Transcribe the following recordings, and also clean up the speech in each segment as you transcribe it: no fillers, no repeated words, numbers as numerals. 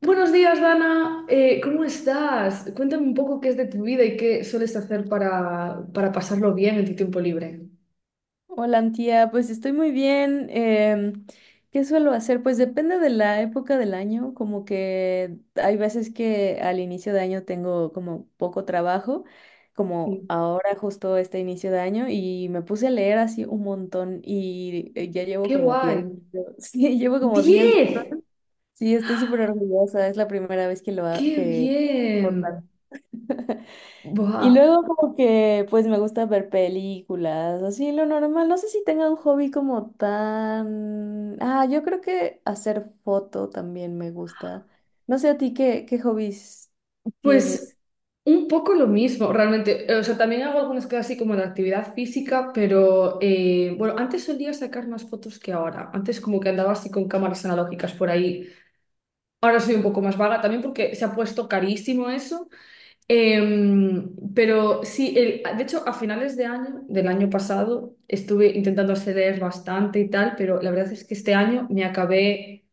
Buenos días, Dana. ¿Cómo estás? Cuéntame un poco qué es de tu vida y qué sueles hacer para pasarlo bien en tu tiempo libre. Hola, Antía, pues estoy muy bien. ¿Qué suelo hacer? Pues depende de la época del año, como que hay veces que al inicio de año tengo como poco trabajo, como Sí. ahora justo este inicio de año, y me puse a leer así un montón y ya llevo ¡Qué como 10 guay! libros. Sí, llevo como 10 ¡10! libros. Sí, estoy súper orgullosa, es la primera vez que lo hago, ¡Qué que... bien! Y Buah. luego como que pues me gusta ver películas, así lo normal. No sé si tenga un hobby como tan... Ah, yo creo que hacer foto también me gusta. No sé a ti qué hobbies tienes. Pues un poco lo mismo, realmente. O sea, también hago algunas cosas así como de actividad física, pero bueno, antes solía sacar más fotos que ahora. Antes como que andaba así con cámaras analógicas por ahí. Ahora soy un poco más vaga también porque se ha puesto carísimo eso. Pero sí, de hecho, a finales de año, del año pasado, estuve intentando acceder bastante y tal, pero la verdad es que este año me acabé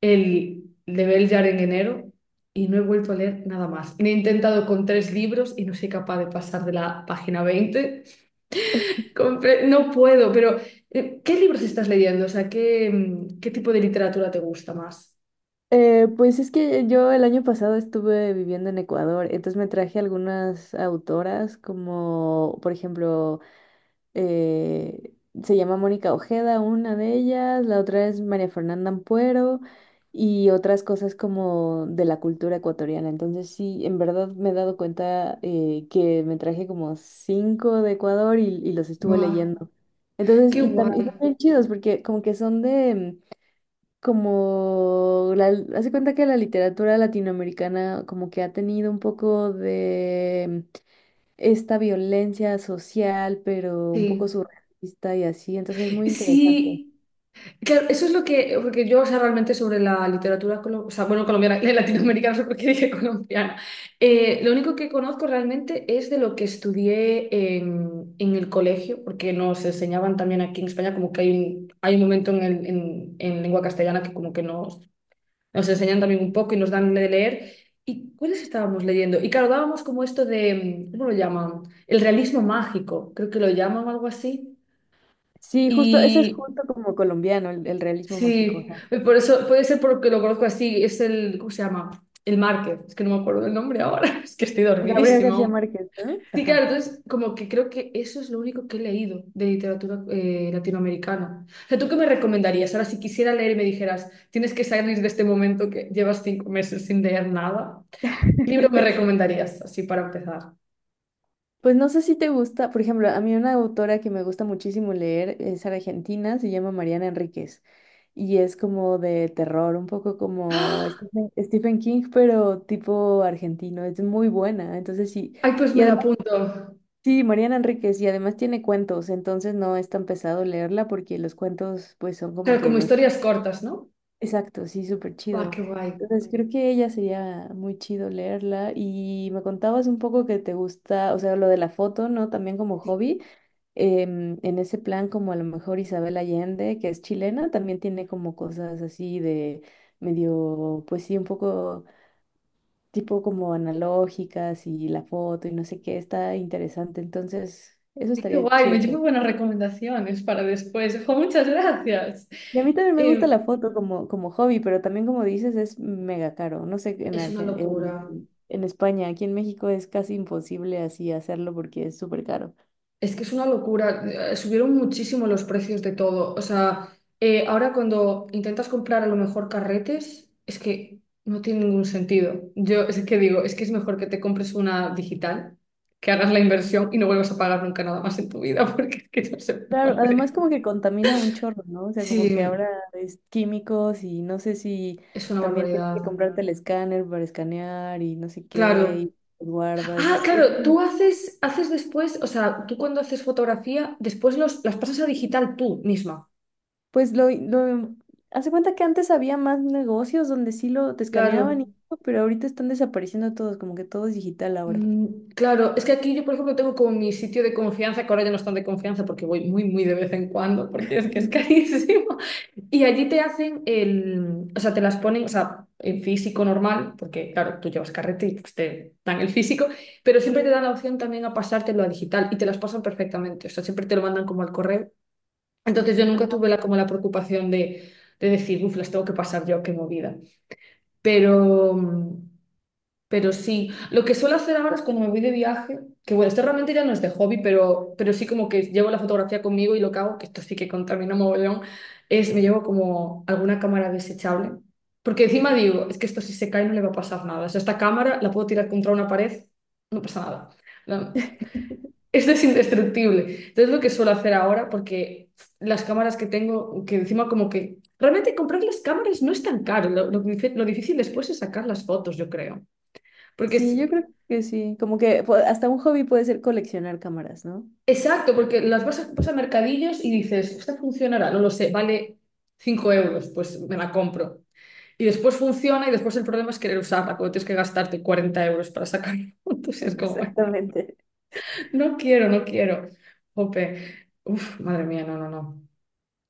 el de Beljar en enero y no he vuelto a leer nada más. He intentado con tres libros y no soy capaz de pasar de la página 20. No puedo, pero ¿qué libros estás leyendo? O sea, ¿qué tipo de literatura te gusta más? Pues es que yo el año pasado estuve viviendo en Ecuador, entonces me traje algunas autoras como por ejemplo eh, se llama Mónica Ojeda, una de ellas, la otra es María Fernanda Ampuero y otras cosas como de la cultura ecuatoriana. Entonces sí, en verdad me he dado cuenta que me traje como cinco de Ecuador y los estuve Buah, leyendo. Entonces, qué y guay. también chidos porque como que son de... mm, como hace cuenta que la literatura latinoamericana como que ha tenido un poco de esta violencia social, pero un poco Sí. surrealista y así, entonces es muy interesante. Sí. Claro, eso es lo que, porque yo, o sea, realmente sobre la literatura, o sea, bueno, colombiana, latinoamericana, no sé por qué dije colombiana. Lo único que conozco realmente es de lo que estudié en el colegio, porque nos enseñaban también aquí en España, como que hay un momento en lengua castellana que como que nos enseñan también un poco y nos dan de leer. ¿Y cuáles estábamos leyendo? Y claro, dábamos como esto de, ¿cómo lo llaman? El realismo mágico, creo que lo llaman algo así. Sí, justo, ese es Y justo como colombiano, el realismo mágico. Sí, Ajá. y por eso puede ser porque lo conozco así, es el, ¿cómo se llama? El Márquez, es que no me acuerdo del nombre ahora, es que estoy Gabriel dormidísima García aún. Márquez, ¿no? Sí, Ajá. claro, entonces como que creo que eso es lo único que he leído de literatura latinoamericana. O sea, ¿tú qué me recomendarías? Ahora, si quisiera leer y me dijeras, tienes que salir de este momento que llevas 5 meses sin leer nada, ¿qué libro me recomendarías así para empezar? Pues no sé si te gusta, por ejemplo, a mí una autora que me gusta muchísimo leer es argentina, se llama Mariana Enríquez y es como de terror, un poco como ¡Ah! Stephen King, pero tipo argentino, es muy buena, entonces sí, Ay, pues y me lo apunto. sí, Mariana Enríquez, y además tiene cuentos, entonces no es tan pesado leerla porque los cuentos pues son como Claro, que como los... historias cortas, ¿no? Exacto, sí, súper Va, chido. qué guay. Entonces creo que ella sería muy chido leerla y me contabas un poco que te gusta, o sea, lo de la foto, ¿no? También como hobby, en ese plan como a lo mejor Isabel Allende, que es chilena, también tiene como cosas así de medio, pues sí, un poco tipo como analógicas y la foto y no sé qué, está interesante. Entonces, eso Qué estaría guay, me chido. llevo buenas recomendaciones para después. Jo, muchas gracias. Y a mí también me gusta Eh, la foto como hobby, pero también como dices es mega caro. No sé, es una locura. en España, aquí en México es casi imposible así hacerlo porque es súper caro. Es que es una locura. Subieron muchísimo los precios de todo. O sea, ahora cuando intentas comprar a lo mejor carretes, es que no tiene ningún sentido. Yo es que digo, es que es mejor que te compres una digital, que hagas la inversión y no vuelvas a pagar nunca nada más en tu vida, porque es que no se Claro, además puede. como que contamina un chorro, ¿no? O sea, como que Sí, ahora es químicos y no sé si es una también tienes que barbaridad. comprarte el escáner para escanear y no sé qué, Claro. y los guardas. Ah, Es claro, tú como, haces después, o sea, tú cuando haces fotografía, después los, las pasas a digital tú misma. pues lo, lo, hace cuenta que antes había más negocios donde sí lo te Claro, escaneaban y todo, pero ahorita están desapareciendo todos, como que todo es digital ahora. Claro, es que aquí yo, por ejemplo, tengo como mi sitio de confianza, que ahora ya no están de confianza porque voy muy, muy de vez en cuando, porque es que es carísimo. Y allí te hacen el, o sea, te las ponen, o sea, en físico normal, porque claro, tú llevas carrete y pues, te dan el físico, pero siempre te dan la opción también a pasártelo a digital y te las pasan perfectamente, o sea, siempre te lo mandan como al correo. Entonces yo Ajá. nunca tuve la, como la preocupación de decir, uff, las tengo que pasar yo, qué movida. Pero, mm, pero sí, lo que suelo hacer ahora es cuando me voy de viaje, que bueno, esto realmente ya no es de hobby, pero sí como que llevo la fotografía conmigo y lo que hago, que esto sí que contamina mogollón, es me llevo como alguna cámara desechable. Porque encima digo, es que esto si se cae no le va a pasar nada. O sea, esta cámara la puedo tirar contra una pared, no pasa nada. No. Esto es indestructible. Entonces lo que suelo hacer ahora, porque las cámaras que tengo, que encima como que... Realmente comprar las cámaras no es tan caro. Lo difícil después es sacar las fotos, yo creo. Porque Sí, es... yo creo que sí. Como que hasta un hobby puede ser coleccionar cámaras, ¿no? Exacto, porque las vas a mercadillos y dices, esta funcionará, no lo sé, vale 5 euros, pues me la compro. Y después funciona y después el problema es querer usarla, cuando tienes que gastarte 40 € para sacar fotos y es como, Exactamente. no quiero, no quiero. Jope. Uf, madre mía, no, no, no.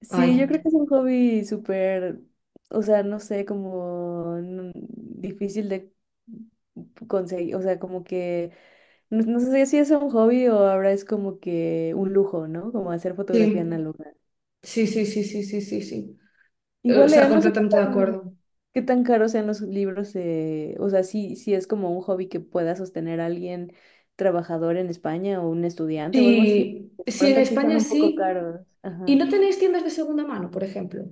Sí, yo Ay, creo que es un hobby súper, o sea, no sé, difícil de conseguir, o sea, como que, no, no sé si es un hobby o ahora es como que un lujo, ¿no? Como hacer fotografía sí. análoga. Sí, sí, sí, sí, sí, sí, sí. O Igual sea, leer, no sé qué completamente de tan... acuerdo. ¿Qué tan caros sean los libros? O sea, si es como un hobby que pueda sostener a alguien trabajador en España o un estudiante o algo así. Sí, De sí, en pronto aquí son España un poco sí. caros. ¿Y Ajá. no tenéis tiendas de segunda mano, por ejemplo?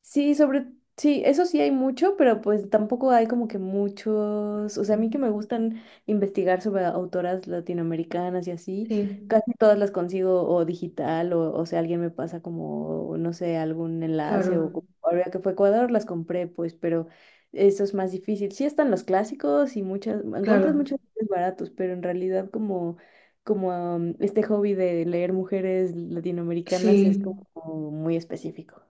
Sí, sobre, sí, eso sí hay mucho, pero pues tampoco hay como que muchos, o sea, a mí que me gustan investigar sobre autoras latinoamericanas y así, Sí, casi todas las consigo o digital o sea, alguien me pasa como, no sé, algún enlace claro, ahora que fue Ecuador las compré, pues, pero eso es más difícil. Sí están los clásicos y muchas, encuentras claro, muchos libros baratos, pero en realidad como, como este hobby de leer mujeres latinoamericanas es sí. como muy específico.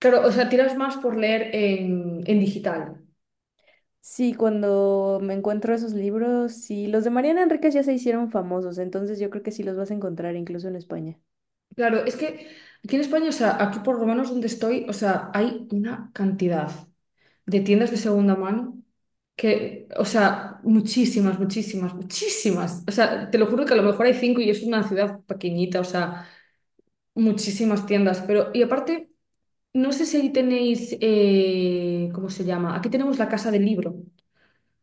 Claro, o sea, tiras más por leer en digital. Sí, cuando me encuentro esos libros, sí, los de Mariana Enríquez ya se hicieron famosos, entonces yo creo que sí los vas a encontrar incluso en España. Claro, es que aquí en España, o sea, aquí por lo menos donde estoy, o sea, hay una cantidad de tiendas de segunda mano que, o sea, muchísimas, muchísimas, muchísimas. O sea, te lo juro que a lo mejor hay cinco y es una ciudad pequeñita, o sea. Muchísimas tiendas, pero y aparte, no sé si ahí tenéis, ¿cómo se llama? Aquí tenemos la Casa del Libro,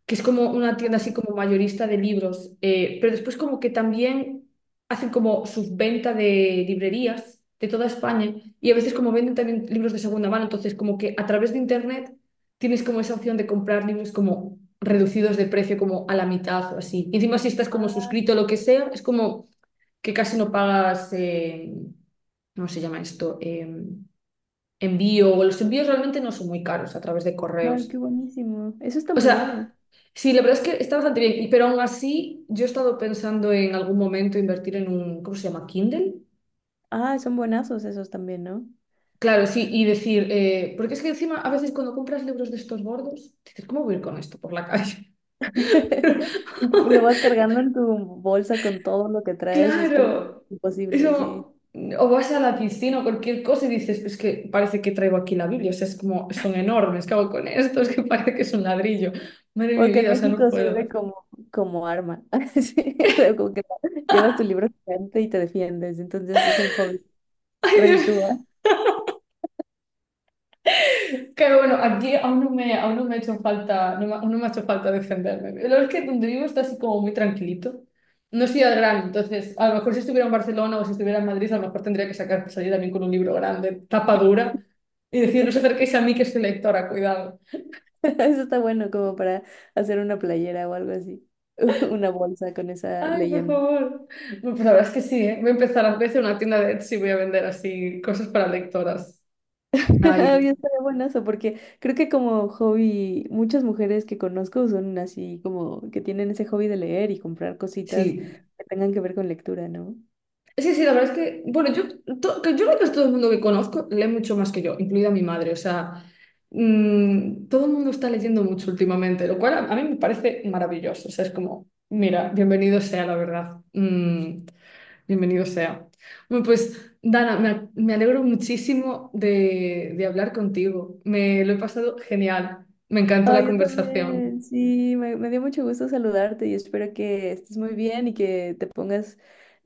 que es como una tienda Ah, así como mayorista de libros, pero después como que también hacen como subventa de librerías de toda España y a veces como venden también libros de segunda mano, entonces como que a través de internet tienes como esa opción de comprar libros como reducidos de precio, como a la mitad o así. Y encima si estás como suscrito o lo que sea, es como que casi no pagas, ¿cómo se llama esto? Envío, o los envíos realmente no son muy caros a través de ah, correos. qué buenísimo. Eso está O muy sea, bueno. sí, la verdad es que está bastante bien, y- pero aún así yo he estado pensando en algún momento invertir en un, ¿cómo se llama? Kindle. Ah, son buenazos esos también, ¿no? Claro, sí, y decir, porque es que encima a veces cuando compras libros de estos gordos, dices, ¿cómo voy a ir con esto por la calle? Lo vas cargando en tu bolsa con todo lo que traes, es como Claro, eso, imposible, sí. o vas a la piscina o cualquier cosa y dices, es que parece que traigo aquí la Biblia, o sea, es como, son enormes, ¿qué hago con esto? Es que parece que es un ladrillo, madre de mi Porque en vida, o sea, no México sirve puedo. como, como arma, sí, o sea, como que llevas tu libro gigante y te defiendes, entonces es un hobby, Ay, reditúa. Dios. Que bueno, aquí aún no me ha hecho falta, aún no me ha hecho falta defenderme. Lo es que donde vivo está así como muy tranquilito. No soy al grano, entonces a lo mejor si estuviera en Barcelona o si estuviera en Madrid, a lo mejor tendría que sacar, salir también con un libro grande, tapa dura, y decir, no os acerquéis a mí que soy lectora, cuidado. Eso está bueno como para hacer una playera o algo así. Una bolsa con esa Ay, por leyenda. favor. Bueno, pues la verdad es que sí, ¿eh? Voy a empezar a veces una tienda de Etsy y voy a vender así cosas para lectoras. Ay, Había estado buenazo porque creo que como hobby, muchas mujeres que conozco son así como que tienen ese hobby de leer y comprar cositas sí. que tengan que ver con lectura, ¿no? Sí, sí, la verdad es que, bueno, yo, que yo creo que todo el mundo que conozco lee mucho más que yo, incluida mi madre. O sea, todo el mundo está leyendo mucho últimamente, lo cual a, mí me parece maravilloso. O sea, es como, mira, bienvenido sea la verdad. Bienvenido sea. Bueno, pues, Dana, me alegro muchísimo de hablar contigo. Me lo he pasado genial. Me encantó Ah, la yo también. conversación. Sí, me dio mucho gusto saludarte y espero que estés muy bien y que te pongas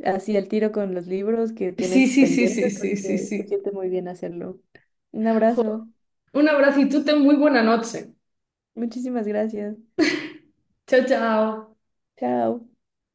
así al tiro con los libros que Sí, tienes sí, sí, sí, pendientes sí, sí, porque se sí. siente muy bien hacerlo. Un Jo, abrazo. un abrazo y tú ten muy buena noche. Muchísimas gracias. Chao, chao. Chao.